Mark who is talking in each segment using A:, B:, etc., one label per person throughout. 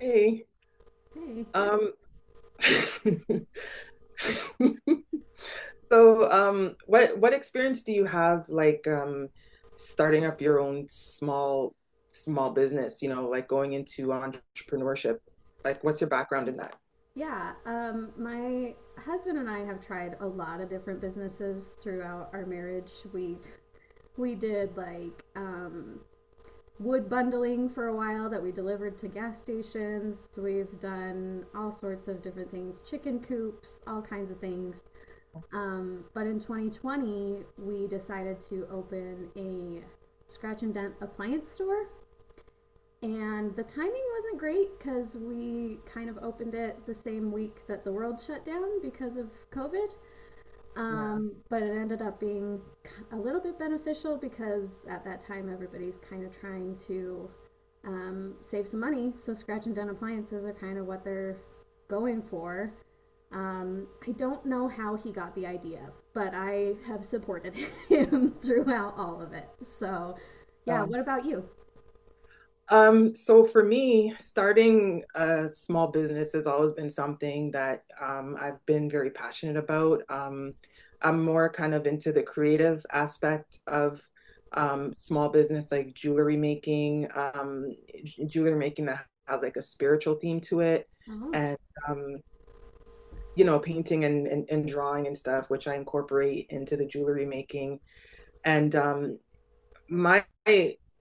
A: Hey,
B: Hey.
A: um, so what experience do you have like starting up your own small business? Like going into entrepreneurship. Like, what's your background in that?
B: Yeah, my husband and I have tried a lot of different businesses throughout our marriage. We did wood bundling for a while that we delivered to gas stations. We've done all sorts of different things, chicken coops, all kinds of things. But in 2020, we decided to open a scratch and dent appliance store. And the timing wasn't great because we kind of opened it the same week that the world shut down because of COVID.
A: Yeah.
B: But it ended up being a little bit beneficial because at that time everybody's kind of trying to save some money. So scratch and dent appliances are kind of what they're going for. I don't know how he got the idea, but I have supported him throughout all of it. So, yeah,
A: Oh.
B: what about you?
A: So for me, starting a small business has always been something that I've been very passionate about. I'm more kind of into the creative aspect of small business, like jewelry making that has like a spiritual theme to it,
B: Oh,
A: and um, painting and drawing and stuff, which I incorporate into the jewelry making. And my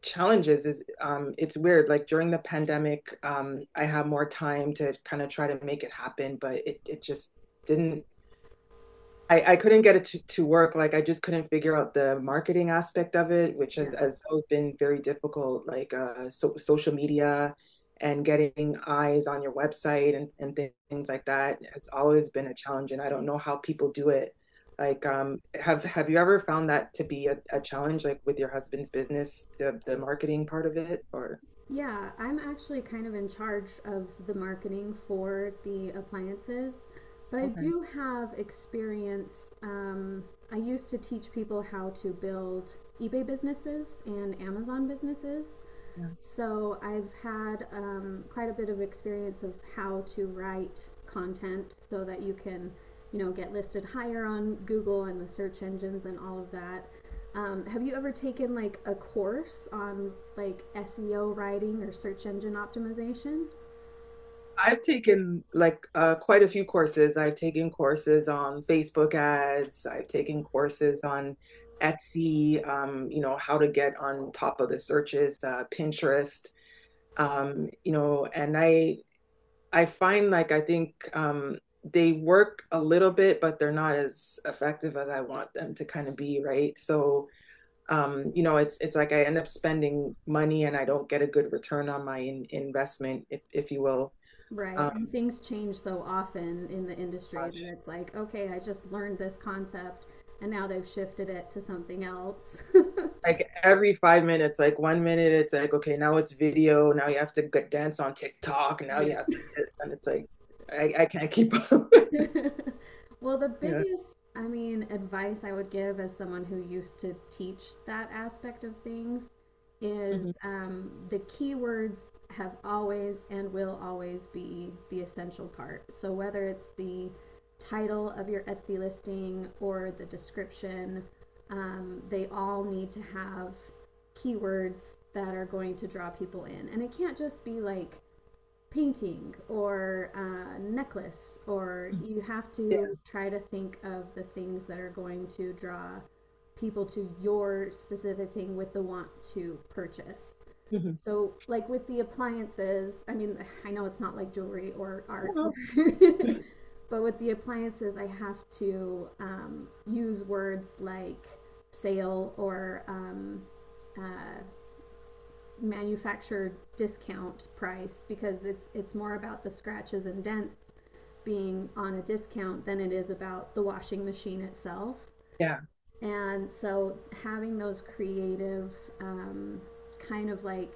A: challenges is it's weird. Like during the pandemic, I had more time to kind of try to make it happen, but it just didn't. I couldn't get it to work. Like I just couldn't figure out the marketing aspect of it, which has,
B: yeah.
A: has always been very difficult, like so, social media and getting eyes on your website and things like that. It's always been a challenge, and I don't know how people do it. Like, have you ever found that to be a challenge, like with your husband's business, the marketing part of it, or?
B: Yeah, I'm actually kind of in charge of the marketing for the appliances, but I
A: Okay,
B: do have experience. I used to teach people how to build eBay businesses and Amazon businesses.
A: yeah.
B: So I've had quite a bit of experience of how to write content so that you can, get listed higher on Google and the search engines and all of that. Have you ever taken like a course on like SEO writing or search engine optimization?
A: I've taken like quite a few courses. I've taken courses on Facebook ads. I've taken courses on Etsy, how to get on top of the searches, Pinterest, and I find like I think they work a little bit, but they're not as effective as I want them to kind of be, right? So, it's like I end up spending money and I don't get a good return on my in investment, if you will.
B: Right. And things change so often in the industry
A: Um,
B: that it's like, okay, I just learned this concept and now they've shifted it to something else.
A: Like every 5 minutes, like one minute, it's like, okay, now it's video. Now you have to go dance on TikTok. Now
B: Yeah.
A: you have to this. And it's like, I can't keep up.
B: Well, the
A: Yeah.
B: biggest, I mean, advice I would give as someone who used to teach that aspect of things is
A: Mhm.
B: the keywords have always and will always be the essential part. So whether it's the title of your Etsy listing or the description, they all need to have keywords that are going to draw people in. And it can't just be like painting or a necklace, or you have
A: Yeah.
B: to try to think of the things that are going to draw people to your specific thing with the want to purchase.
A: Mhm.
B: So, like with the appliances, I mean, I know it's not like jewelry or art,
A: Oh,
B: but with the appliances, I have to use words like sale or uh, Manufactured discount price because it's more about the scratches and dents being on a discount than it is about the washing machine itself.
A: yeah.
B: And so having those creative um, kind of like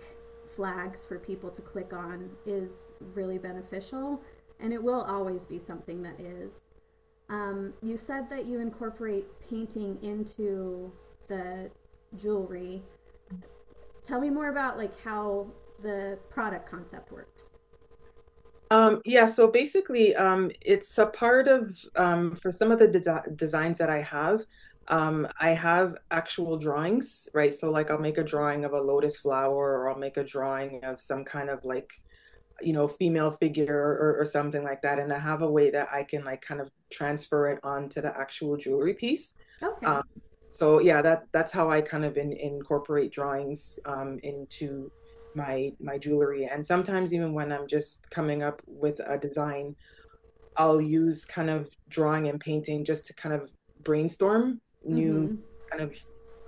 B: flags for people to click on is really beneficial and it will always be something that is. You said that you incorporate painting into the jewelry. Tell me more about like how the product concept works.
A: Yeah, so basically, it's a part of for some of the designs that I have actual drawings, right? So like I'll make a drawing of a lotus flower or I'll make a drawing of some kind of like female figure or something like that and I have a way that I can like kind of transfer it onto the actual jewelry piece.
B: Okay.
A: um, so yeah, that's how I kind of incorporate drawings into my jewelry, and sometimes even when I'm just coming up with a design, I'll use kind of drawing and painting just to kind of brainstorm new
B: Mm-hmm.
A: kind of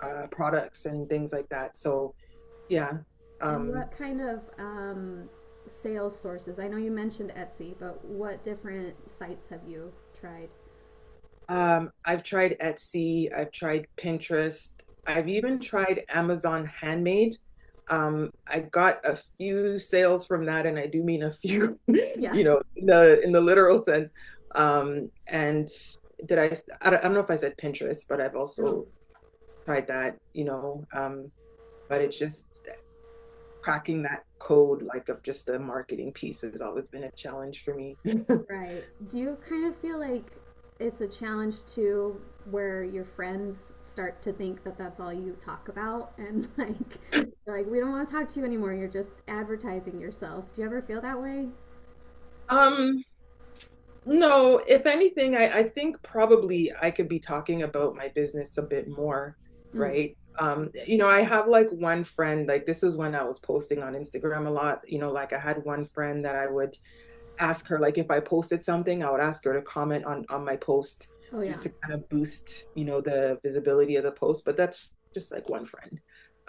A: products and things like that, so yeah.
B: And
A: um,
B: what kind of sales sources? I know you mentioned Etsy, but what different sites have you tried?
A: I've tried Etsy, I've tried Pinterest, I've even tried Amazon Handmade. I got a few sales from that, and I do mean a few,
B: Yeah.
A: in the literal sense. Um, and did I, I don't know if I said Pinterest, but I've
B: Oh,
A: also tried that, but it's just cracking that code like of just the marketing piece has always been a challenge for me.
B: right. Do you kind of feel like it's a challenge too, where your friends start to think that that's all you talk about, and like, they're like we don't want to talk to you anymore. You're just advertising yourself. Do you ever feel that way?
A: Um, No, if anything, I think probably I could be talking about my business a bit more, right? I have like one friend, like this is when I was posting on Instagram a lot, like I had one friend that I would ask her, like if I posted something, I would ask her to comment on my post
B: Oh
A: just
B: yeah.
A: to kind of boost, the visibility of the post. But that's just like one friend.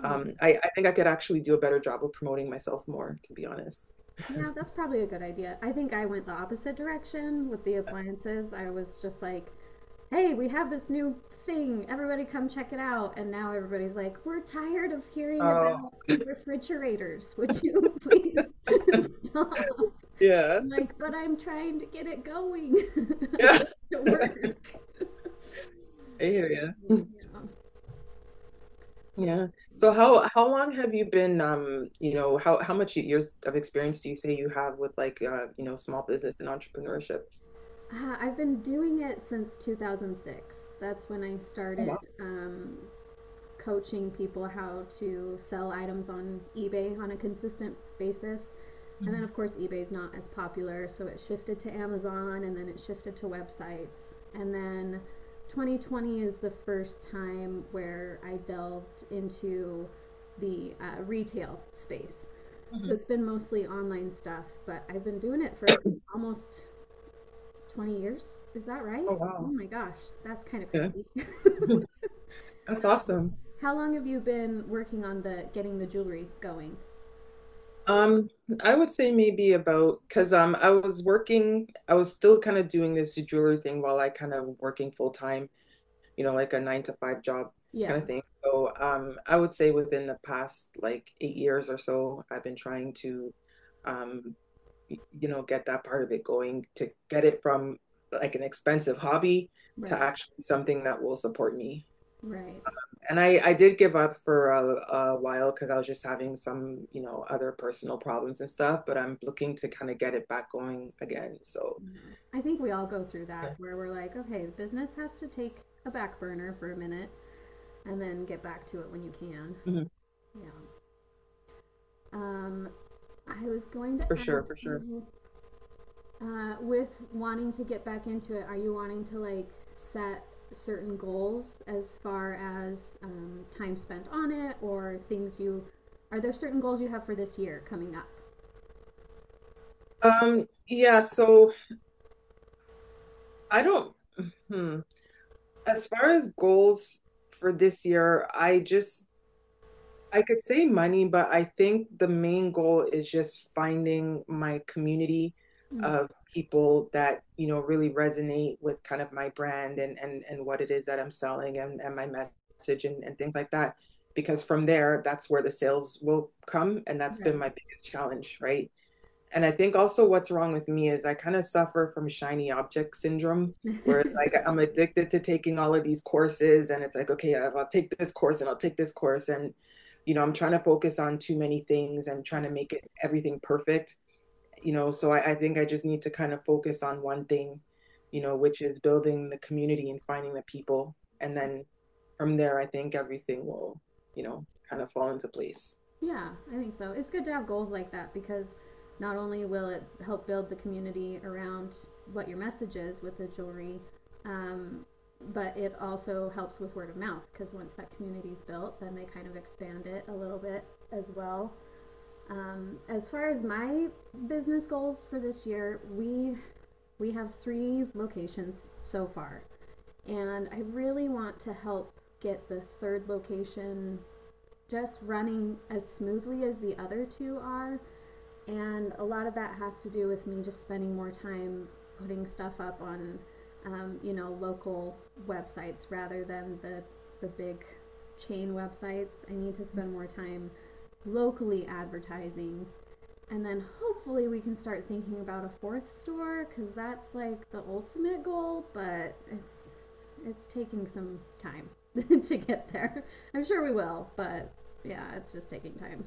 B: Yeah.
A: I think I could actually do a better job of promoting myself more, to be honest.
B: Yeah, that's probably a good idea. I think I went the opposite direction with the appliances. I was just like, hey, we have this new thing. Everybody come check it out. And now everybody's like, we're tired of hearing
A: Oh,
B: about refrigerators. Would you please stop?
A: yeah.
B: I'm like, but I'm trying to get it going. I
A: Yeah.
B: want it to work.
A: I hear you.
B: Yeah.
A: Yeah. So how long have you been how much years of experience do you say you have with like small business and entrepreneurship?
B: I've been doing it since 2006. That's when I
A: Oh wow.
B: started coaching people how to sell items on eBay on a consistent basis. And then,
A: Mhm.
B: of course, eBay's not as popular, so it shifted to Amazon and then it shifted to websites. And then 2020 is the first time where I delved into the retail space. So
A: Mhm.
B: it's been mostly online stuff, but I've been doing it for almost 20 years. Is that right?
A: Oh
B: Oh
A: wow.
B: my gosh, that's kind of
A: Yeah.
B: crazy.
A: That's awesome.
B: How long have you been working on the getting the jewelry going?
A: Um, I would say maybe about because I was working, I was still kind of doing this jewelry thing while I kind of working full time. You know, like a nine to five job
B: Yeah,
A: kind of thing. So I would say within the past like 8 years or so, I've been trying to, um, get that part of it going, to get it from like an expensive hobby to
B: right,
A: actually something that will support me.
B: right.
A: And I did give up for a while because I was just having some, other personal problems and stuff, but I'm looking to kind of get it back going again. So,
B: No. I think we all go through
A: yeah.
B: that where we're like, okay, business has to take a back burner for a minute and then get back to it when you can.
A: Mhm.
B: Yeah. Um, I was going to
A: For sure,
B: ask
A: for sure.
B: you, with wanting to get back into it, are you wanting to like set certain goals as far as time spent on it or things you, are there certain goals you have for this year coming up?
A: Yeah, so I don't. hmm. As far as goals for this year, I could say money, but I think the main goal is just finding my community
B: Mm.
A: of people that, really resonate with kind of my brand and what it is that I'm selling and my message and things like that. Because from there, that's where the sales will come. And that's been
B: Right.
A: my biggest challenge, right? And I think also what's wrong with me is I kind of suffer from shiny object syndrome, where it's like I'm addicted to taking all of these courses, and it's like, okay, I'll take this course and I'll take this course. And, I'm trying to focus on too many things and trying to make it everything perfect. So I think I just need to kind of focus on one thing, which is building the community and finding the people. And then from there, I think everything will, kind of fall into place.
B: Yeah, I think so. It's good to have goals like that because not only will it help build the community around what your message is with the jewelry, um, but it also helps with word of mouth because once that community's built, then they kind of expand it a little bit as well. As far as my business goals for this year, we have 3 locations so far, and I really want to help get the third location just running as smoothly as the other two are, and a lot of that has to do with me just spending more time putting stuff up on, local websites rather than the big chain websites. I need to spend more time locally advertising. And then hopefully we can start thinking about a fourth store because that's like the ultimate goal, but it's taking some time to get there. I'm sure we will, but yeah, it's just taking time.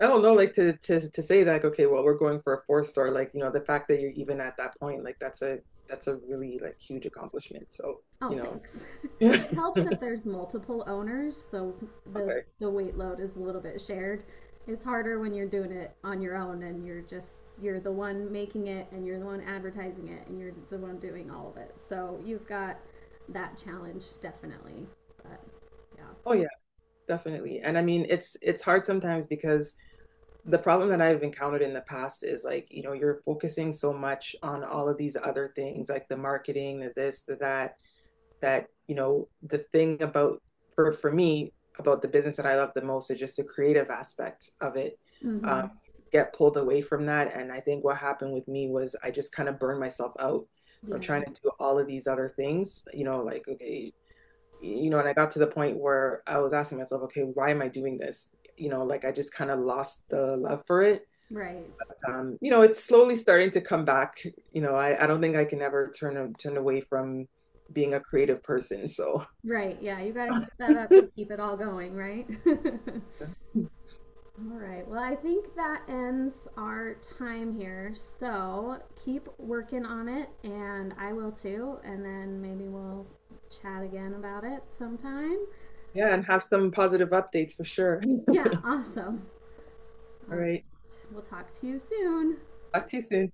A: I don't know, like to say that, like, okay, well, we're going for a four-star, like, the fact that you're even at that point, like that's a really like huge accomplishment. So, you
B: Oh,
A: know.
B: thanks. It helps that there's multiple owners, so the
A: Okay.
B: the weight load is a little bit shared. It's harder when you're doing it on your own and you're the one making it and you're the one advertising it and you're the one doing all of it. So you've got that challenge definitely. But yeah.
A: Oh yeah, definitely. And I mean, it's hard sometimes because the problem that I've encountered in the past is like, you're focusing so much on all of these other things, like the marketing, the this, the that, that the thing about for me about the business that I love the most is just the creative aspect of it. Um,
B: Mhm.
A: get pulled away from that, and I think what happened with me was I just kind of burned myself out. I'm trying
B: Yeah.
A: to do all of these other things, like okay, and I got to the point where I was asking myself, okay, why am I doing this? Like I just kind of lost the love for it.
B: Right.
A: It's slowly starting to come back. I don't think I can ever turn away from being a creative person. So
B: Right. Yeah, you got to keep that up to keep it all going, right? All right. Well, I think that ends our time here. So keep working on it, and I will too. And then maybe we'll chat again about it sometime.
A: yeah, and have some positive updates for sure.
B: Yeah, awesome. All
A: All
B: right.
A: right.
B: We'll talk to you soon.
A: Talk to you soon.